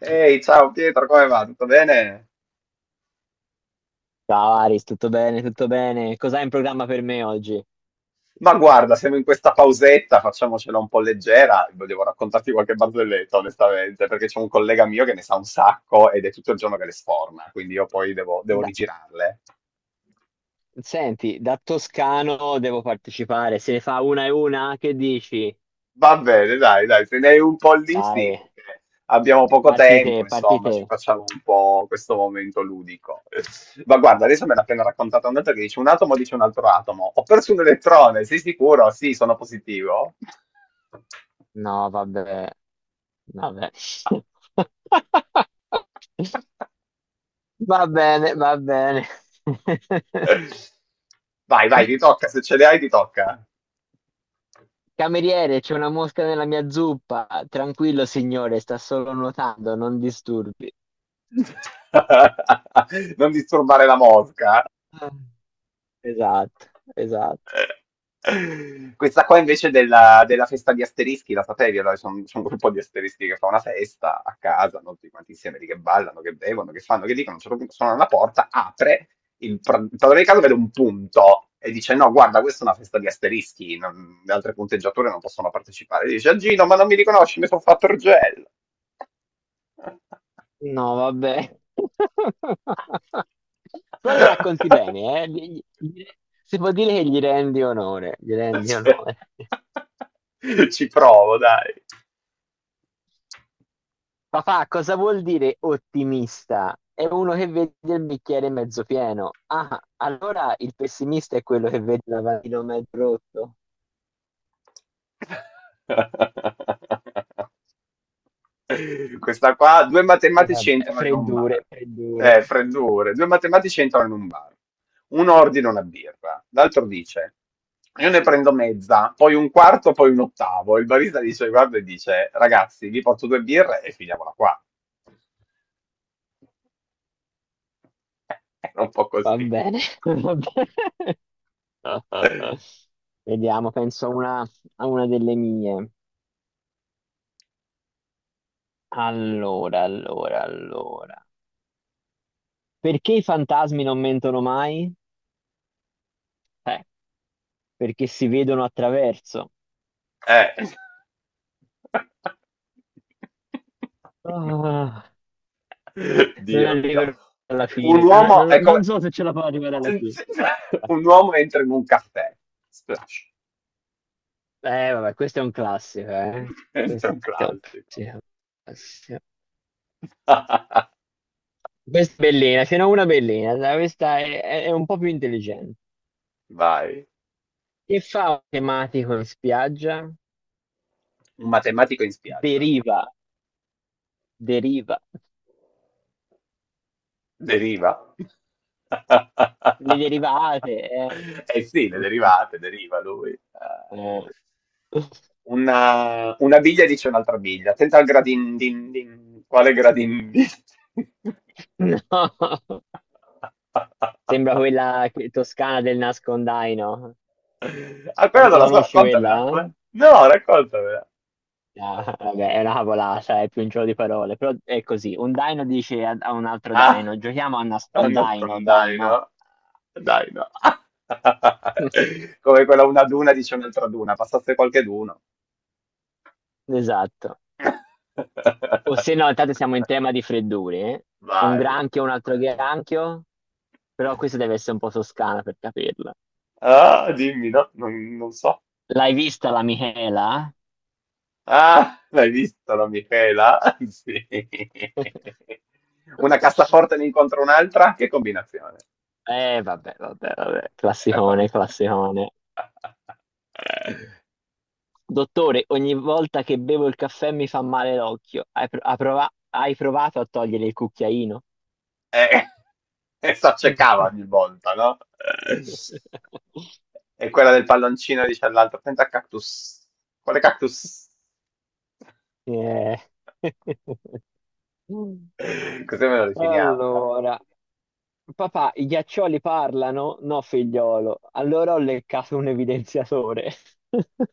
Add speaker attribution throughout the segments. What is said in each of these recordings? Speaker 1: Ehi, ciao Pietro, come va? Tutto bene?
Speaker 2: Ciao Aris, tutto bene, tutto bene. Cos'hai in programma per me oggi?
Speaker 1: Ma guarda, siamo in questa pausetta, facciamocela un po' leggera. Volevo raccontarti qualche barzelletta, onestamente, perché c'è un collega mio che ne sa un sacco ed è tutto il giorno che le sforna, quindi io poi devo
Speaker 2: Da-
Speaker 1: rigirarle.
Speaker 2: Senti, da toscano devo partecipare. Se ne fa una e una, che dici?
Speaker 1: Va bene, dai, se ne hai un po' lì, sì,
Speaker 2: Vai,
Speaker 1: perché abbiamo poco
Speaker 2: parti te,
Speaker 1: tempo,
Speaker 2: parti
Speaker 1: insomma,
Speaker 2: te.
Speaker 1: ci facciamo un po' questo momento ludico. Ma guarda, adesso me l'ha appena raccontata un'altra che dice un atomo dice un altro atomo. Ho perso un elettrone, sei sicuro? Sì, sono positivo.
Speaker 2: No, vabbè, vabbè. Va bene, va bene.
Speaker 1: Vai, ti tocca, se ce le hai ti tocca.
Speaker 2: Cameriere, c'è una mosca nella mia zuppa. Tranquillo, signore, sta solo nuotando, non disturbi.
Speaker 1: Non disturbare la mosca.
Speaker 2: Ah. Esatto, esatto.
Speaker 1: Eh, questa qua invece della festa di asterischi, la sapevi? Allora, c'è un gruppo di asterischi che fa una festa a casa, no? Tutti quanti insieme lì che ballano, che bevono, che fanno, che dicono, a un certo punto suona la porta, apre, il padrone di casa vede un punto e dice no, guarda, questa è una festa di asterischi, le altre punteggiature non possono partecipare. Dice a Gino, ma non mi riconosci, mi sono fatto il gel.
Speaker 2: No, vabbè. Però le racconti bene, eh? Si può dire che gli rendi onore, gli rendi
Speaker 1: Cioè,
Speaker 2: onore.
Speaker 1: ci provo, dai.
Speaker 2: Papà, cosa vuol dire ottimista? È uno che vede il bicchiere mezzo pieno. Ah, allora il pessimista è quello che vede il lavandino mezzo rotto.
Speaker 1: Questa qua, due
Speaker 2: E
Speaker 1: matematici
Speaker 2: vabbè,
Speaker 1: entrano in un bar.
Speaker 2: freddure, freddure.
Speaker 1: Freddure. Due matematici entrano in un bar. Uno ordina una birra, l'altro dice: io ne prendo mezza, poi un quarto, poi un ottavo. Il barista dice: guarda, e dice, ragazzi, vi porto due birre e finiamola qua. Era un po'
Speaker 2: Va
Speaker 1: così.
Speaker 2: bene, va bene. Vediamo, penso a una delle mie. Allora, allora, allora. Perché i fantasmi non mentono mai? Eh, Perché si vedono attraverso.
Speaker 1: Eh.
Speaker 2: Ah, non
Speaker 1: Dio mio.
Speaker 2: arriverò alla
Speaker 1: Un
Speaker 2: fine.
Speaker 1: uomo è
Speaker 2: Non
Speaker 1: come...
Speaker 2: so se ce la fa arrivare alla fine.
Speaker 1: Un uomo entra in un caffè. Splash.
Speaker 2: Vabbè, questo è un classico, eh.
Speaker 1: Questo è
Speaker 2: Questo
Speaker 1: un
Speaker 2: è un
Speaker 1: classico.
Speaker 2: classico. Classico. Questa è bellina, ce n'è una bellina. Dai, questa è, è un po' più intelligente.
Speaker 1: Vai.
Speaker 2: Che fa un tematico in spiaggia?
Speaker 1: Un matematico in spiaggia.
Speaker 2: Deriva, deriva.
Speaker 1: Deriva.
Speaker 2: Le derivate, eh.
Speaker 1: Eh sì, le derivate, deriva lui.
Speaker 2: Eh.
Speaker 1: Una biglia dice un'altra biglia. Attenta al gradin din din. Quale gradin din?
Speaker 2: No, sembra toscana del nascondaino.
Speaker 1: Ah,
Speaker 2: La,
Speaker 1: quella non
Speaker 2: la
Speaker 1: la so,
Speaker 2: conosci quella,
Speaker 1: raccontamela. Com'è?
Speaker 2: eh?
Speaker 1: No, raccontamela.
Speaker 2: Ah, vabbè, è una cavolata, è più un gioco di parole, però è così. Un daino dice a un altro
Speaker 1: Ah,
Speaker 2: daino, giochiamo a
Speaker 1: non
Speaker 2: nascondaino, dai
Speaker 1: nascondai,
Speaker 2: no.
Speaker 1: no? Dai, no. Come quella una duna dice un'altra duna, passasse qualche d'uno.
Speaker 2: Esatto. O se no, intanto siamo in tema di freddure, eh. Un
Speaker 1: Vai.
Speaker 2: granchio, un altro granchio, però questa deve essere un po' toscana per capirla.
Speaker 1: Ah, dimmi, no, non so.
Speaker 2: L'hai vista la Michela?
Speaker 1: Ah, l'hai visto la Michela? Sì. Una cassaforte ne incontra un'altra? Che combinazione.
Speaker 2: Vabbè, vabbè, vabbè, classicone, classicone. Dottore, ogni volta che bevo il caffè mi fa male l'occhio. Hai provato a togliere il cucchiaino?
Speaker 1: E, e s'accecava ogni volta, no? E quella del palloncino dice all'altro, senta cactus. Quale cactus?
Speaker 2: Eh.
Speaker 1: Così me lo definiamo, dai.
Speaker 2: Allora, papà, i ghiaccioli parlano? No, figliolo. Allora ho leccato un evidenziatore.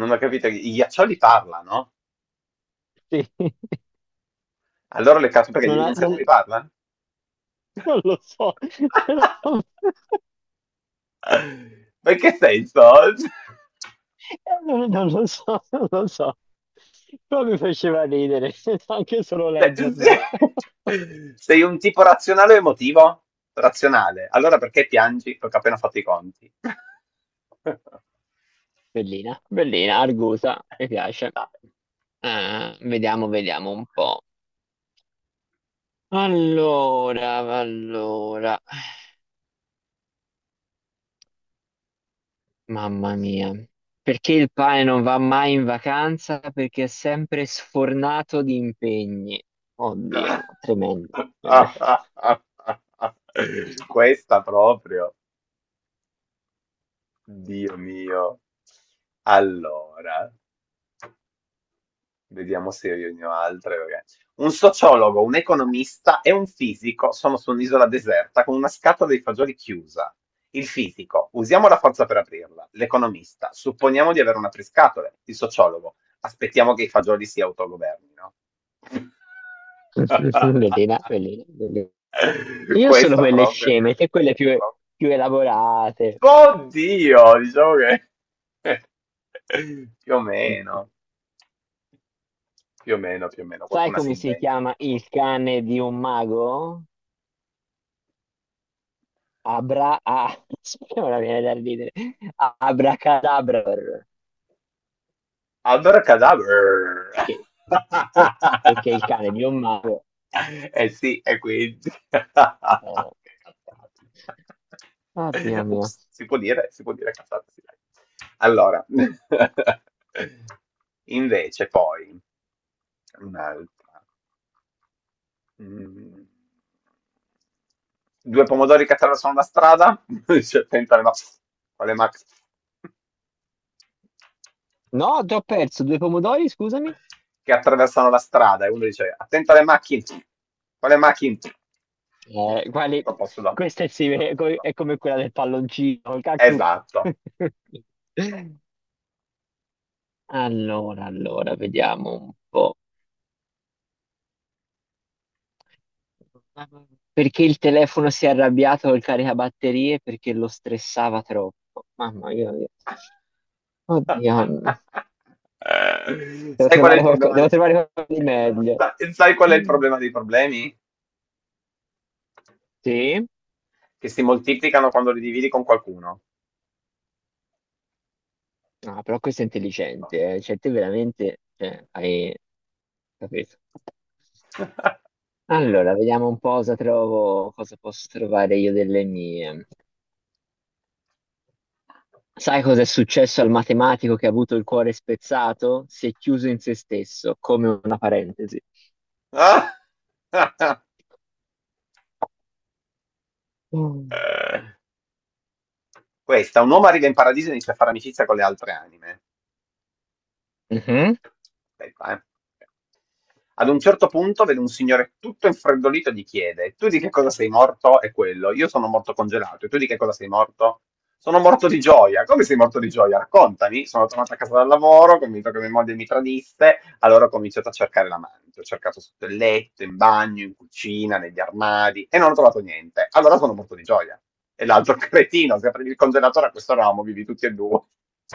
Speaker 1: Non ho capito, i ghiaccioli parlano?
Speaker 2: Sì,
Speaker 1: Allora le carte perché gli
Speaker 2: non, ha- non-
Speaker 1: evidenziatori parlano?
Speaker 2: non lo so,
Speaker 1: Ma in che senso?
Speaker 2: non lo so, non lo so, però mi faceva ridere, anche solo
Speaker 1: Cioè,
Speaker 2: leggerla.
Speaker 1: sei un tipo razionale o emotivo? Razionale. Allora perché piangi? Perché ho appena fatto i conti.
Speaker 2: Bellina, bellina, argusa, mi piace. Ah, vediamo, vediamo un po'. Allora, allora, mamma mia. Perché il pane non va mai in vacanza? Perché è sempre sfornato di impegni. Oddio, no, tremendo, tremendo.
Speaker 1: Questa proprio, Dio mio. Allora, vediamo se riunirò altre. Un sociologo, un economista e un fisico sono su un'isola deserta con una scatola di fagioli chiusa. Il fisico, usiamo la forza per aprirla. L'economista, supponiamo di avere un apriscatole. Il sociologo, aspettiamo che i fagioli si autogovernino.
Speaker 2: Bellina, bellina, bellina. Io solo
Speaker 1: Questa
Speaker 2: quelle
Speaker 1: proprio.
Speaker 2: sceme, te quelle più, più elaborate.
Speaker 1: Oddio, diciamo che più o meno. Più o meno,
Speaker 2: Sai
Speaker 1: qualcuna si
Speaker 2: come si
Speaker 1: inventa.
Speaker 2: chiama il cane di un mago? Abra... ah, ora viene da ridere. Abracadabra.
Speaker 1: Abracadabra!
Speaker 2: Perché? Perché il cane di un mago...
Speaker 1: Eh sì, e quindi... Che
Speaker 2: eh,
Speaker 1: cazzate.
Speaker 2: oddio mio.
Speaker 1: Ups, si può dire cazzate, sì, dai. Allora, invece poi, un'altra. Mhmm. Due pomodori che attraversano la strada, uno dice: "Attenta alle quale mac"
Speaker 2: No, ti ho perso due pomodori, scusami.
Speaker 1: che attraversano la strada e uno dice: "Attenta alle macchine, quale macchine?"
Speaker 2: Quali...
Speaker 1: Sempre un po' sulla
Speaker 2: questa è,
Speaker 1: su
Speaker 2: è come quella del palloncino, il cactus.
Speaker 1: esatto.
Speaker 2: Allora, allora, vediamo un po'. Perché il telefono si è arrabbiato col caricabatterie? Perché lo stressava troppo. Mamma mia. Oddio.
Speaker 1: Eh, Sai qual è il problema
Speaker 2: Devo
Speaker 1: de
Speaker 2: trovare qualcosa di meglio.
Speaker 1: sai qual è il problema dei problemi?
Speaker 2: Sì?
Speaker 1: Che si moltiplicano quando li dividi con qualcuno.
Speaker 2: Ah, però questo è intelligente, eh. Cioè, te veramente, cioè, hai capito. Allora, vediamo un po' cosa trovo, cosa posso trovare io delle mie. Sai cosa è successo al matematico che ha avuto il cuore spezzato? Si è chiuso in se stesso, come una parentesi.
Speaker 1: Ah!
Speaker 2: Mm.
Speaker 1: Questa, un uomo arriva in paradiso e inizia a fare amicizia con le altre anime.
Speaker 2: Mhm.
Speaker 1: Aspetta, eh. Ad un certo punto vede un signore tutto infreddolito e gli chiede: tu di che cosa sei morto? E quello, io sono morto congelato. E tu di che cosa sei morto? Sono morto di gioia. Come sei morto di gioia? Raccontami. Sono tornato a casa dal lavoro, convinto che mia moglie mi tradisse. Allora ho cominciato a cercare l'amante, ho cercato sotto il letto, in bagno, in cucina, negli armadi e non ho trovato niente. Allora sono morto di gioia. E l'altro cretino, se aprivi il congelatore a questo ramo, vivi tutti e due.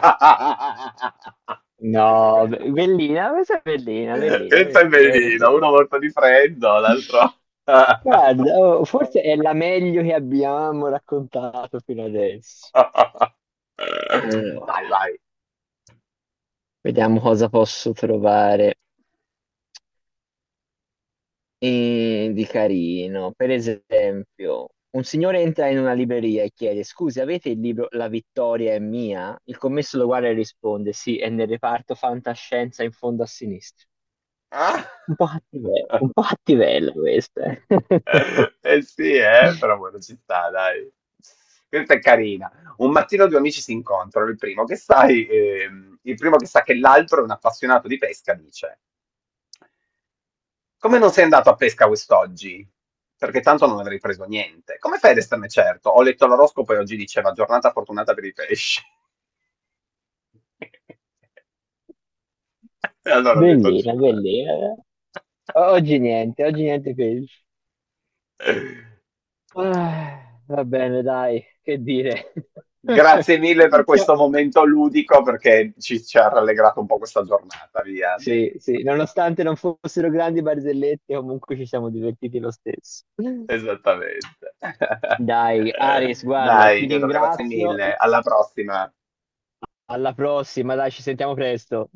Speaker 1: Questa è
Speaker 2: No,
Speaker 1: bella.
Speaker 2: bellina, questa è bellina, bellina,
Speaker 1: Questa è
Speaker 2: bellina,
Speaker 1: bellina,
Speaker 2: bellina.
Speaker 1: uno morto di freddo, l'altro...
Speaker 2: Guarda, oh, forse è la meglio che abbiamo raccontato fino adesso.
Speaker 1: Vai,
Speaker 2: Allora,
Speaker 1: vai.
Speaker 2: vediamo cosa posso trovare, di carino. Per esempio, un signore entra in una libreria e chiede: scusi, avete il libro "La vittoria è mia"? Il commesso lo guarda e risponde: sì, è nel reparto fantascienza in fondo a sinistra.
Speaker 1: Ah?
Speaker 2: Un po' un po' cattivella questa, eh.
Speaker 1: Eh sì, però buona città, dai. Questa è carina. Un mattino due amici si incontrano, il primo che sa che l'altro è un appassionato di pesca, dice, come non sei andato a pesca quest'oggi? Perché tanto non avrei preso niente. Come fai ad esserne certo? Ho letto l'oroscopo e oggi diceva giornata fortunata per i pesci. E allora ho detto, non
Speaker 2: Bellina,
Speaker 1: ci vado.
Speaker 2: bellina. Oggi niente peggio. Ah, va bene, dai, che dire.
Speaker 1: Grazie mille per
Speaker 2: Sia-
Speaker 1: questo momento ludico perché ci ha rallegrato un po' questa giornata, via.
Speaker 2: Sì, sì, nonostante non fossero grandi barzellette, comunque ci siamo divertiti lo stesso.
Speaker 1: Esattamente.
Speaker 2: Dai, Aris, guarda,
Speaker 1: Dai,
Speaker 2: ti
Speaker 1: Pietro, grazie
Speaker 2: ringrazio.
Speaker 1: mille. Alla prossima.
Speaker 2: Alla prossima, dai, ci sentiamo presto.